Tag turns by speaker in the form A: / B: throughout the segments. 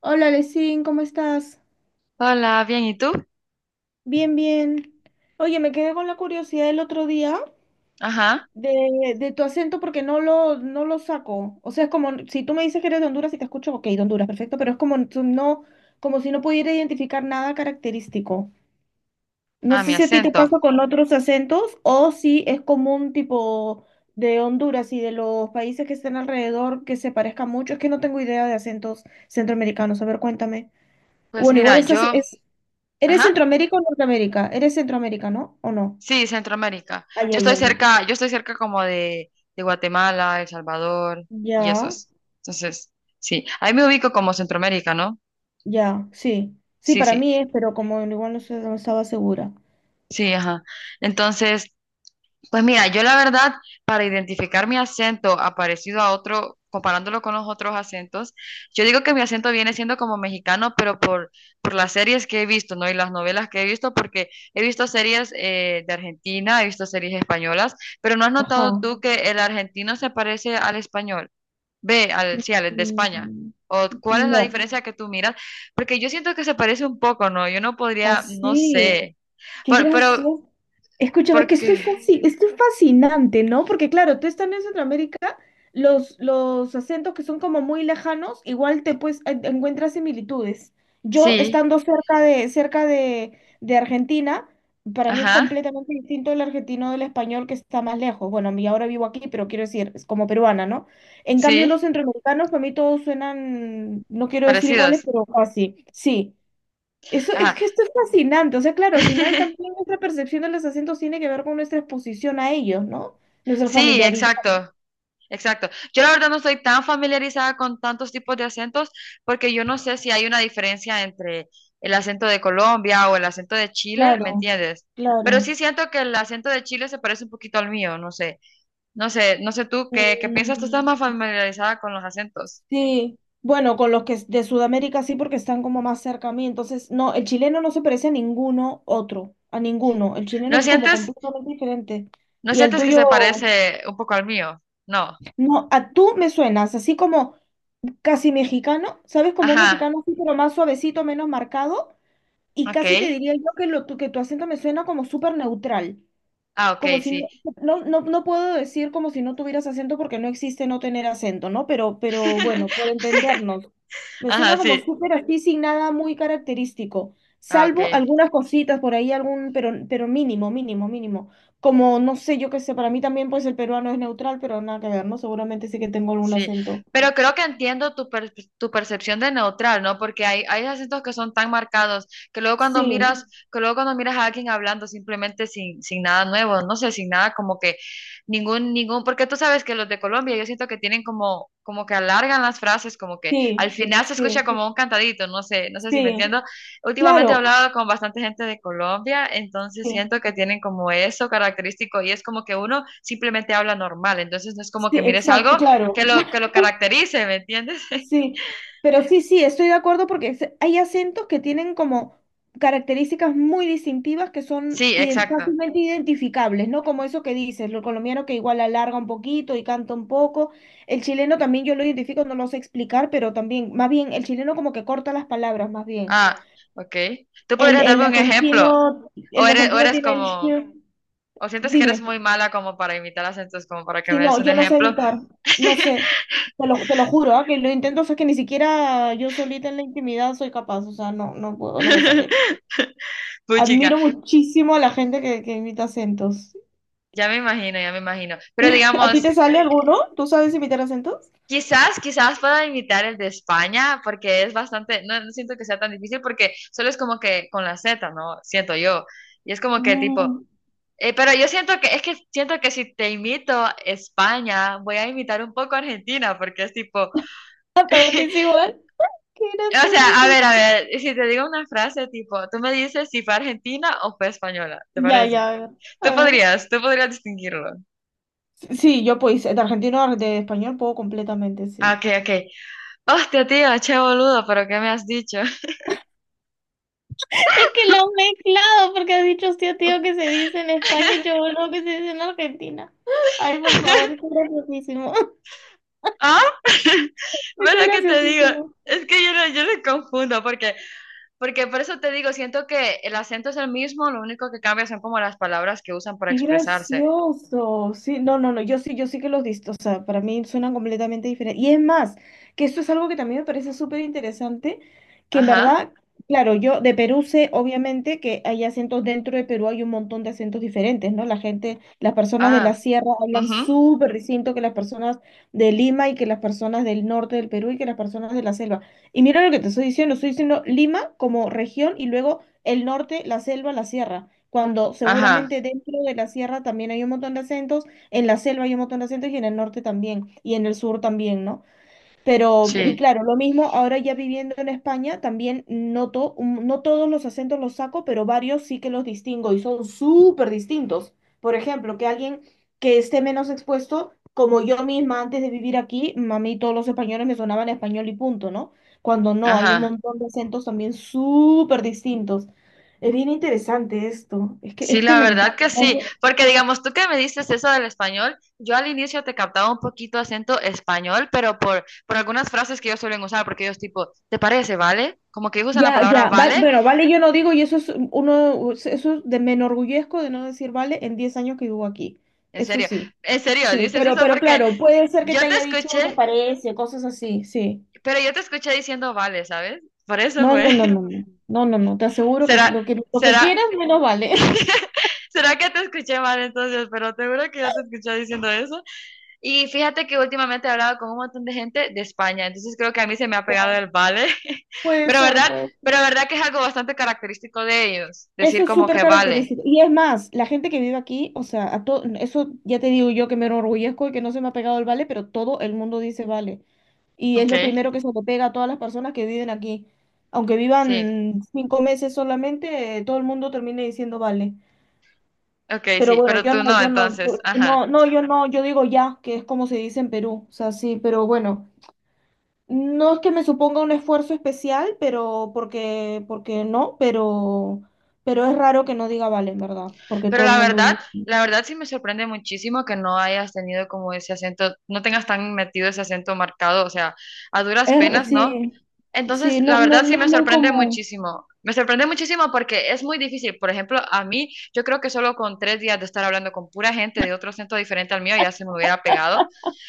A: Hola, Lesin, ¿cómo estás?
B: Hola, bien, ¿y tú?
A: Bien, bien. Oye, me quedé con la curiosidad el otro día
B: Ajá,
A: de tu acento porque no lo saco. O sea, es como si tú me dices que eres de Honduras y te escucho, ok, de Honduras, perfecto, pero es como tú no, como si no pudiera identificar nada característico. No
B: a mi
A: sé si a ti te
B: acento.
A: pasa con otros acentos o si es común tipo de Honduras y de los países que están alrededor que se parezcan mucho. Es que no tengo idea de acentos centroamericanos. A ver, cuéntame.
B: Pues
A: Bueno, igual
B: mira,
A: estás, ¿eres
B: ajá,
A: Centroamérica o Norteamérica? ¿Eres Centroamérica, no? ¿O no?
B: sí, Centroamérica.
A: Ay,
B: Yo
A: ay,
B: estoy
A: ay, ay.
B: cerca, yo estoy cerca como de Guatemala, El Salvador y
A: Ya,
B: esos. Entonces, sí, ahí me ubico como Centroamérica, ¿no?
A: ya, sí. Sí,
B: Sí,
A: para
B: sí,
A: mí es, pero como igual no, sé, no estaba segura.
B: sí, ajá. Entonces, pues mira, yo la verdad, para identificar mi acento a parecido a otro, comparándolo con los otros acentos, yo digo que mi acento viene siendo como mexicano, por las series que he visto, ¿no? Y las novelas que he visto, porque he visto series de Argentina, he visto series españolas, pero ¿no has notado
A: Ajá.
B: tú que el argentino se parece al español? Ve, al, sí, al de
A: Mm,
B: España.
A: mm,
B: ¿O cuál es la
A: no.
B: diferencia que tú miras? Porque yo siento que se parece un poco, ¿no? Yo no podría, no
A: Así.
B: sé.
A: Qué
B: Pero, pero
A: gracioso. Escúchame, es que estoy
B: porque,
A: estoy fascinante, ¿no? Porque claro, tú estando en Centroamérica, los acentos que son como muy lejanos, igual te pues encuentras similitudes. Yo
B: sí,
A: estando cerca de Argentina, para mí es
B: ajá.
A: completamente distinto el argentino del español que está más lejos. Bueno, a mí ahora vivo aquí, pero quiero decir, es como peruana, ¿no? En cambio, los
B: Sí,
A: centroamericanos, para mí todos suenan, no quiero decir iguales,
B: parecidos.
A: pero casi. Sí. Eso es
B: Ajá.
A: que esto es fascinante. O sea, claro, al final también nuestra percepción de los acentos tiene que ver con nuestra exposición a ellos, ¿no? Nuestra
B: Sí,
A: familiaridad.
B: exacto, exacto. Yo la verdad no estoy tan familiarizada con tantos tipos de acentos porque yo no sé si hay una diferencia entre el acento de Colombia o el acento de Chile,
A: Claro,
B: ¿me entiendes? Pero
A: claro.
B: sí siento que el acento de Chile se parece un poquito al mío, no sé. No sé tú qué piensas, tú estás más
A: Mm,
B: familiarizada con los acentos.
A: sí. Bueno, con los que es de Sudamérica sí, porque están como más cerca a mí. Entonces, no, el chileno no se parece a ninguno otro, a ninguno. El chileno
B: ¿No
A: es como
B: sientes,
A: completamente diferente.
B: ¿no
A: Y el
B: sientes que
A: tuyo,
B: se parece un poco al mío? No.
A: no, a tú me suenas, así como casi mexicano, ¿sabes? Como un
B: Ajá,
A: mexicano así, pero más suavecito, menos marcado. Y
B: ok.
A: casi te diría yo que, lo, que tu acento me suena como súper neutral,
B: Ah, ok,
A: como si no,
B: sí.
A: no, no, no puedo decir como si no tuvieras acento porque no existe no tener acento, ¿no? Pero bueno, por entendernos, me suena
B: Ajá,
A: como
B: sí.
A: súper así sin nada muy característico,
B: Ah,
A: salvo
B: ok.
A: algunas cositas por ahí, algún, pero mínimo, mínimo, mínimo. Como, no sé, yo qué sé, para mí también pues el peruano es neutral, pero nada que ver, ¿no? Seguramente sí que tengo algún
B: Sí,
A: acento.
B: pero creo que entiendo tu percepción de neutral, ¿no? Porque hay acentos que son tan marcados que luego cuando
A: Sí,
B: miras, que luego cuando miras a alguien hablando simplemente sin nada nuevo, no sé, sin nada como que porque tú sabes que los de Colombia yo siento que tienen como, como que alargan las frases, como que
A: sí,
B: al final se escucha
A: sí,
B: como un cantadito, no sé, no sé si me
A: sí,
B: entiendo. Últimamente he
A: claro.
B: hablado con bastante gente de Colombia, entonces
A: Sí.
B: siento que tienen como eso característico y es como que uno simplemente habla normal, entonces no es como
A: Sí,
B: que mires algo
A: exacto, claro.
B: que lo caracterice, ¿me entiendes?
A: Sí, pero sí, sí, estoy de acuerdo porque hay acentos que tienen como características muy distintivas que son
B: Sí, exacto.
A: fácilmente identificables, ¿no? Como eso que dices, lo colombiano que igual alarga un poquito y canta un poco. El chileno también yo lo identifico, no lo sé explicar, pero también, más bien, el chileno como que corta las palabras, más bien.
B: Ah, ok. ¿Tú
A: El,
B: podrías
A: el
B: darme un ejemplo?
A: argentino,
B: ¿O
A: el
B: eres, o
A: argentino
B: eres
A: tiene
B: como,
A: el...
B: o sientes que eres
A: Dime.
B: muy mala como para imitar acentos, como para que
A: Sí,
B: me
A: no,
B: des un
A: yo no sé
B: ejemplo?
A: imitar, no sé, te lo juro, ah, que lo intento, o sea, que ni siquiera yo solita en la intimidad soy capaz, o sea, no, no puedo, no me sale.
B: Puchica,
A: Admiro muchísimo a la gente que imita acentos.
B: ya me imagino. Pero
A: ¿A ti
B: digamos,
A: te sale alguno? ¿Tú sabes imitar acentos?
B: quizás pueda imitar el de España, porque es bastante, no, no siento que sea tan difícil, porque solo es como que con la Z, ¿no? Siento yo. Y es como que tipo,
A: Mm,
B: Pero yo siento que, es que siento que si te imito España, voy a imitar un poco Argentina, porque es tipo, o
A: ah, para ti es igual. Qué gracioso
B: sea,
A: eso.
B: a ver, si te digo una frase tipo, tú me dices si fue argentina o fue española, ¿te
A: Ya, ya,
B: parece?
A: a ver. A ver.
B: Tú podrías distinguirlo.
A: Sí, yo pues, de argentino a de español puedo completamente,
B: Ah,
A: sí.
B: ok. Hostia, tío, che boludo, pero ¿qué me has dicho?
A: Es que lo has mezclado porque has dicho tío, tío que se dice en España y cholo que se dice en Argentina. Ay, por favor, esto es graciosísimo.
B: ¿Ah?
A: Esto
B: ¿Ves
A: es
B: lo que te digo?
A: graciosísimo.
B: Es que yo no, yo lo confundo, porque por eso te digo, siento que el acento es el mismo, lo único que cambia son como las palabras que usan para
A: Qué
B: expresarse.
A: gracioso. Sí, no, no, no, yo sí, yo sí que los visto. O sea, para mí suenan completamente diferentes. Y es más, que esto es algo que también me parece súper interesante, que en
B: Ajá.
A: verdad, claro, yo de Perú sé obviamente que hay acentos dentro de Perú, hay un montón de acentos diferentes, ¿no? La gente, las personas de
B: Ah,
A: la sierra hablan
B: ujú,
A: súper distinto que las personas de Lima y que las personas del norte del Perú y que las personas de la selva. Y mira lo que te estoy diciendo Lima como región y luego el norte, la selva, la sierra cuando
B: ajá,
A: seguramente dentro de la sierra también hay un montón de acentos, en la selva hay un montón de acentos y en el norte también, y en el sur también, ¿no? Pero, y
B: sí,
A: claro, lo mismo, ahora ya viviendo en España, también noto, no todos los acentos los saco, pero varios sí que los distingo y son súper distintos. Por ejemplo, que alguien que esté menos expuesto, como yo misma antes de vivir aquí, a mí todos los españoles me sonaban español y punto, ¿no? Cuando no, hay un
B: ajá.
A: montón de acentos también súper distintos. Es bien interesante esto, es
B: Sí,
A: que
B: la
A: me
B: verdad
A: encanta.
B: que sí,
A: ¿No?
B: porque digamos tú que me dices eso del español, yo al inicio te captaba un poquito acento español, por algunas frases que ellos suelen usar, porque ellos tipo, ¿te parece, vale? Como que ellos usan la
A: Ya,
B: palabra
A: ya,
B: vale,
A: bueno, vale, yo no digo, y eso es uno, eso de, me enorgullezco de no decir vale en 10 años que vivo aquí.
B: en
A: Eso
B: serio,
A: sí.
B: en serio,
A: Sí,
B: dices eso
A: pero
B: porque
A: claro, puede ser que te
B: yo te
A: haya dicho, te
B: escuché,
A: parece, cosas así, sí.
B: pero yo te escuché diciendo vale, ¿sabes? Por eso
A: No, no,
B: fue.
A: no, no, no, no, no, no, te aseguro que
B: ¿Será,
A: lo que, lo que quieras
B: será,
A: menos vale.
B: ¿será que te escuché mal entonces? Pero te juro que yo te escuché diciendo eso. Y fíjate que últimamente he hablado con un montón de gente de España, entonces creo que a mí se me ha
A: Ya,
B: pegado el vale,
A: puede
B: pero
A: ser,
B: verdad,
A: puede ser.
B: pero verdad que es algo bastante característico de ellos, decir
A: Eso es
B: como
A: súper
B: que vale,
A: característico. Y es más, la gente que vive aquí, o sea, eso ya te digo yo que me enorgullezco y que no se me ha pegado el vale, pero todo el mundo dice vale. Y es
B: ok,
A: lo primero que se le pega a todas las personas que viven aquí. Aunque
B: sí,
A: vivan 5 meses solamente, todo el mundo termina diciendo vale.
B: ok,
A: Pero
B: sí,
A: bueno,
B: pero
A: yo
B: tú
A: no,
B: no,
A: yo no,
B: entonces, ajá.
A: no, no, yo no, yo digo ya, que es como se dice en Perú. O sea, sí, pero bueno, no es que me suponga un esfuerzo especial, pero porque, porque no, pero es raro que no diga vale, en verdad, porque
B: Pero
A: todo el
B: la
A: mundo
B: verdad,
A: dice.
B: la verdad sí me sorprende muchísimo que no hayas tenido como ese acento, no tengas tan metido ese acento marcado, o sea, a duras
A: Es,
B: penas, ¿no?
A: sí, sí,
B: Entonces,
A: no,
B: la
A: no,
B: verdad
A: no
B: sí
A: es
B: me
A: muy
B: sorprende
A: común.
B: muchísimo. Me sorprende muchísimo porque es muy difícil. Por ejemplo, a mí, yo creo que solo con tres días de estar hablando con pura gente de otro acento diferente al mío ya se me hubiera pegado.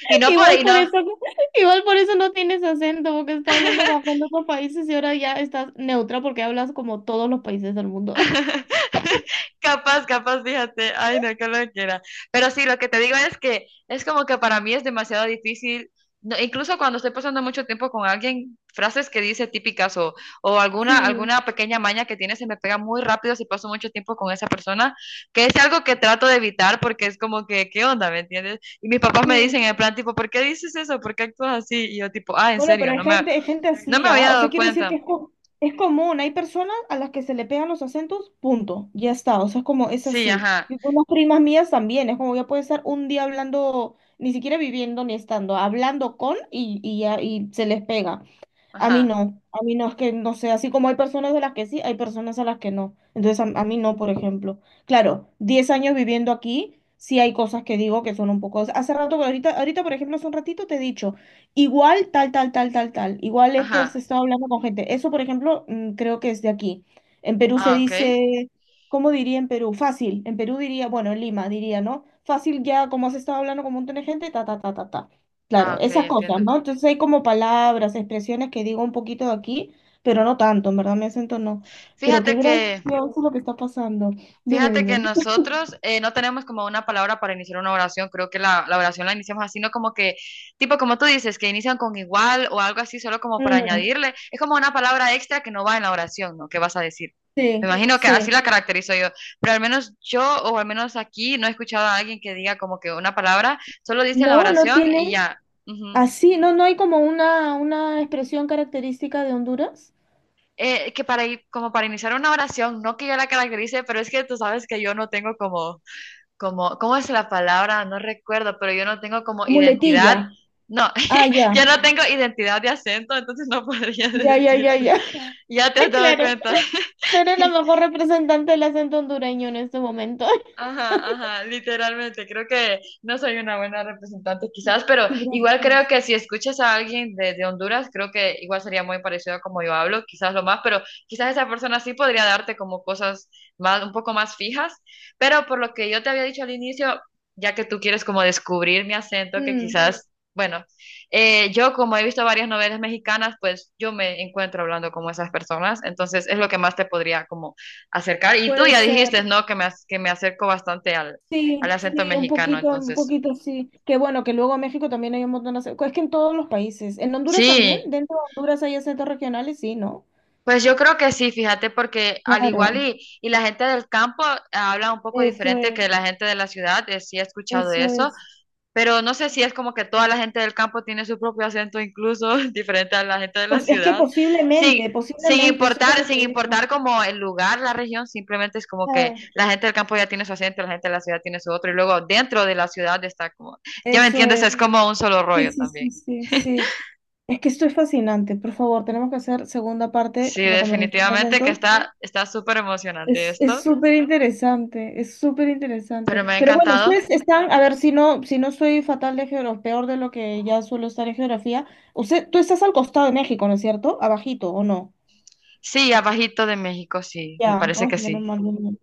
B: Y no por,
A: Igual
B: y
A: por
B: no,
A: eso, igual por eso no tienes acento, porque estás hablando como con otros países y ahora ya estás neutra porque hablas como todos los países del mundo.
B: capaz, capaz, fíjate, ay, no, que lo quiera. Pero sí, lo que te digo es que es como que para mí es demasiado difícil, no, incluso cuando estoy pasando mucho tiempo con alguien, frases que dice típicas o
A: Sí,
B: alguna pequeña maña que tiene se me pega muy rápido si paso mucho tiempo con esa persona, que es algo que trato de evitar porque es como que, ¿qué onda? ¿Me entiendes? Y mis papás me
A: sí.
B: dicen en plan, tipo, ¿por qué dices eso? ¿Por qué actúas así? Y yo tipo, ah, en
A: Bueno, pero
B: serio,
A: hay gente
B: no
A: así,
B: me
A: ¿ah?
B: había
A: O sea,
B: dado
A: quiero decir que
B: cuenta.
A: es, es común. Hay personas a las que se le pegan los acentos, punto. Ya está. O sea, es como, es
B: Sí,
A: así.
B: ajá,
A: Y con las primas mías también. Es como ya puede estar un día hablando, ni siquiera viviendo ni estando, hablando con y ya, y se les pega.
B: ajá,
A: A mí no, es que no sé, así como hay personas a las que sí, hay personas a las que no. Entonces a mí no, por ejemplo. Claro, 10 años viviendo aquí, sí hay cosas que digo que son un poco... Hace rato, ahorita, ahorita, por ejemplo, hace un ratito te he dicho, igual tal, tal, tal, tal, tal. Igual es que has
B: ajá.
A: estado hablando con gente. Eso, por ejemplo, mm, creo que es de aquí. En Perú se
B: Ah, ok.
A: dice, ¿cómo diría en Perú? Fácil. En Perú diría, bueno, en Lima diría, ¿no? Fácil ya, como has estado hablando con un montón de gente, ta, ta, ta, ta, ta.
B: Ah,
A: Claro,
B: ok,
A: esas cosas,
B: entiendo.
A: ¿no? Entonces hay como palabras, expresiones que digo un poquito de aquí, pero no tanto, en verdad, mi acento no. Pero qué
B: Fíjate que,
A: gracioso lo que está pasando. Dime,
B: fíjate que
A: dime.
B: nosotros no tenemos como una palabra para iniciar una oración. Creo que la oración la iniciamos así, no como que, tipo como tú dices, que inician con igual o algo así, solo como para
A: Mm,
B: añadirle. Es como una palabra extra que no va en la oración, ¿no? ¿Qué vas a decir? Me
A: sí,
B: imagino que así la
A: sí.
B: caracterizo yo. Pero al menos yo, o al menos aquí, no he escuchado a alguien que diga como que una palabra, solo dice en la
A: No, no
B: oración
A: tienen.
B: y ya. Ujú.
A: Así, no, no hay como una expresión característica de Honduras.
B: Que como para iniciar una oración, no que yo la caracterice, pero es que tú sabes que yo no tengo como ¿cómo es la palabra? No recuerdo, pero yo no tengo como
A: Muletilla.
B: identidad. No,
A: Ah, ya.
B: yo no tengo identidad de acento, entonces no podría
A: Ya, ya, ya,
B: decirte.
A: ya.
B: Ya te has dado
A: Claro.
B: cuenta.
A: No eres la mejor representante del acento hondureño en este momento.
B: Ajá, ajá, literalmente, creo que no soy una buena representante quizás, pero
A: Qué
B: igual creo
A: gracioso.
B: que si escuchas a alguien de Honduras, creo que igual sería muy parecido a como yo hablo, quizás lo más, pero quizás esa persona sí podría darte como cosas más, un poco más fijas, pero por lo que yo te había dicho al inicio, ya que tú quieres como descubrir mi acento, que
A: Mm,
B: quizás, bueno, yo como he visto varias novelas mexicanas, pues yo me encuentro hablando como esas personas, entonces es lo que más te podría como acercar. Y tú
A: puede
B: ya dijiste,
A: ser.
B: ¿no? Que me, ac- que me acerco bastante al, al
A: Sí,
B: acento
A: sí,
B: mexicano.
A: un
B: Entonces,
A: poquito sí. Que bueno, que luego en México también hay un montón de acentos. Es que en todos los países. ¿En Honduras también?
B: sí,
A: ¿Dentro de Honduras hay acentos regionales? Sí, ¿no?
B: pues yo creo que sí, fíjate, porque al
A: Claro,
B: igual y la gente del campo habla un poco
A: eso
B: diferente
A: es,
B: que la gente de la ciudad, sí he escuchado
A: eso
B: eso.
A: es.
B: Pero no sé si es como que toda la gente del campo tiene su propio acento, incluso diferente a la gente de la
A: Pues es que
B: ciudad.
A: posiblemente,
B: Sin, sin
A: posiblemente, eso es lo
B: importar,
A: que
B: sin
A: te digo.
B: importar como el lugar, la región, simplemente es como que
A: Ah,
B: la gente del campo ya tiene su acento, la gente de la ciudad tiene su otro, y luego dentro de la ciudad está como, ya me
A: eso
B: entiendes,
A: es.
B: es como un solo
A: Sí,
B: rollo
A: sí,
B: también.
A: sí, sí, sí. Es que esto es fascinante. Por favor, tenemos que hacer segunda parte,
B: Sí,
A: recomendación de
B: definitivamente que
A: acentos.
B: está, está súper emocionante
A: Es
B: esto,
A: súper interesante, es súper interesante.
B: pero me ha
A: Pero bueno,
B: encantado.
A: ustedes están, a ver si no, si no soy fatal de geografía, peor de lo que ya suelo estar en geografía. Usted, tú estás al costado de México, ¿no es cierto? Abajito, ¿o no?
B: Sí, abajito de México, sí, me
A: Ya,
B: parece
A: ay,
B: que
A: menos
B: sí.
A: mal. Menos mal.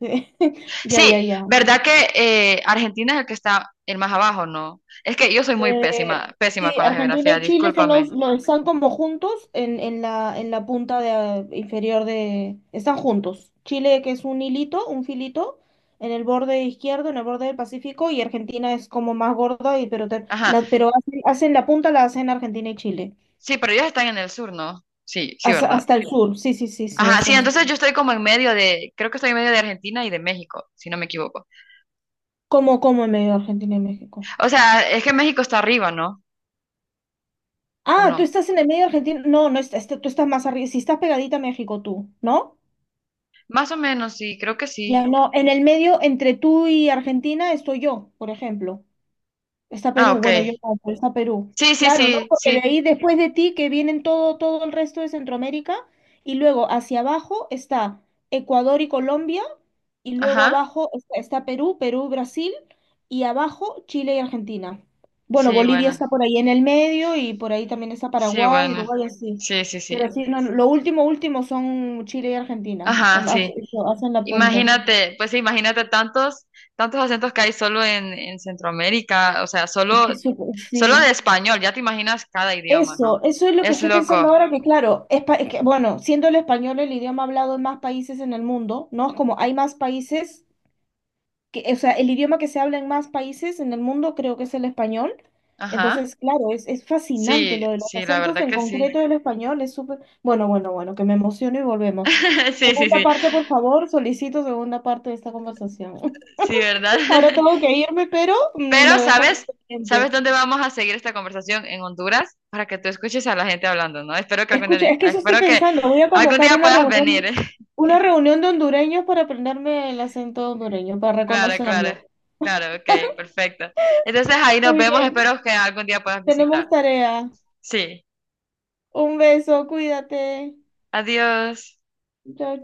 A: Ya, ya,
B: Sí,
A: ya.
B: ¿verdad que Argentina es el que está el más abajo, no? Es que yo soy muy
A: Eh,
B: pésima, pésima
A: sí,
B: con la
A: Argentina
B: geografía,
A: y Chile son los,
B: discúlpame.
A: están como juntos en la punta de, inferior de... Están juntos. Chile, que es un hilito, un filito, en el borde izquierdo, en el borde del Pacífico, y Argentina es como más gorda, y, pero,
B: Ajá,
A: la, pero hacen, hacen la punta, la hacen Argentina y Chile.
B: sí, pero ellos están en el sur, ¿no? Sí, sí,
A: Hasta,
B: ¿verdad?
A: hasta el sur, sí, sí, sí, sí,
B: Ajá,
A: hasta
B: sí,
A: el sur.
B: entonces yo estoy como en medio de, creo que estoy en medio de Argentina y de México, si no me equivoco.
A: ¿Cómo, cómo en medio de Argentina y México?
B: O sea, es que México está arriba, ¿no? ¿O
A: Ah, tú
B: no?
A: estás en el medio de Argentina. No, no, tú estás más arriba. Si estás pegadita a México, tú, ¿no?
B: Más o menos, sí, creo que
A: Ya
B: sí.
A: no, en el medio, entre tú y Argentina, estoy yo, por ejemplo. Está
B: Ah,
A: Perú,
B: ok.
A: bueno, yo no, pero está Perú.
B: Sí, sí,
A: Claro, ¿no?
B: sí,
A: Porque de
B: sí.
A: ahí después de ti que vienen todo, todo el resto de Centroamérica y luego hacia abajo está Ecuador y Colombia y luego
B: Ajá.
A: abajo está, está Perú, Perú, Brasil y abajo Chile y Argentina. Bueno,
B: Sí,
A: Bolivia
B: bueno.
A: está por ahí en el medio y por ahí también está
B: Sí,
A: Paraguay,
B: bueno.
A: Uruguay, así.
B: Sí, sí,
A: Pero
B: sí.
A: así no, lo último, último son Chile y Argentina. Es
B: Ajá,
A: como
B: sí.
A: hacen la punta.
B: Imagínate, pues sí, tantos acentos que hay solo en Centroamérica, o sea,
A: Es que
B: solo,
A: eso,
B: solo de
A: sí.
B: español, ya te imaginas cada idioma,
A: Eso,
B: ¿no?
A: eso es lo que
B: Es
A: estoy pensando
B: loco.
A: ahora, que claro, es, es que, bueno, siendo el español el idioma hablado en más países en el mundo, ¿no? Es como hay más países, que, o sea, el idioma que se habla en más países en el mundo creo que es el español.
B: Ajá.
A: Entonces, claro, es fascinante
B: Sí,
A: lo de los
B: sí, la
A: acentos,
B: verdad
A: en
B: que
A: concreto
B: sí.
A: del español, es súper... Bueno, bueno, bueno, que me emociono y volvemos.
B: Sí, sí,
A: Segunda
B: sí.
A: parte, por favor, solicito segunda parte de esta conversación.
B: Sí, ¿verdad?
A: Ahora tengo que irme, pero mm,
B: Pero,
A: lo dejamos
B: ¿sabes? ¿Sabes
A: pendiente.
B: dónde vamos a seguir esta conversación? En Honduras, para que tú escuches a la gente hablando, ¿no?
A: Escucha, es que eso estoy
B: Espero que
A: pensando. Voy a
B: algún
A: convocar
B: día puedas venir.
A: una reunión de hondureños para aprenderme el acento hondureño, para
B: Claro, claro.
A: reconocerlo.
B: Claro, ok, perfecto. Entonces ahí nos
A: Muy
B: vemos,
A: bien,
B: espero que algún día puedas visitar.
A: tenemos tarea.
B: Sí,
A: Un beso, cuídate.
B: adiós.
A: Chao, chao.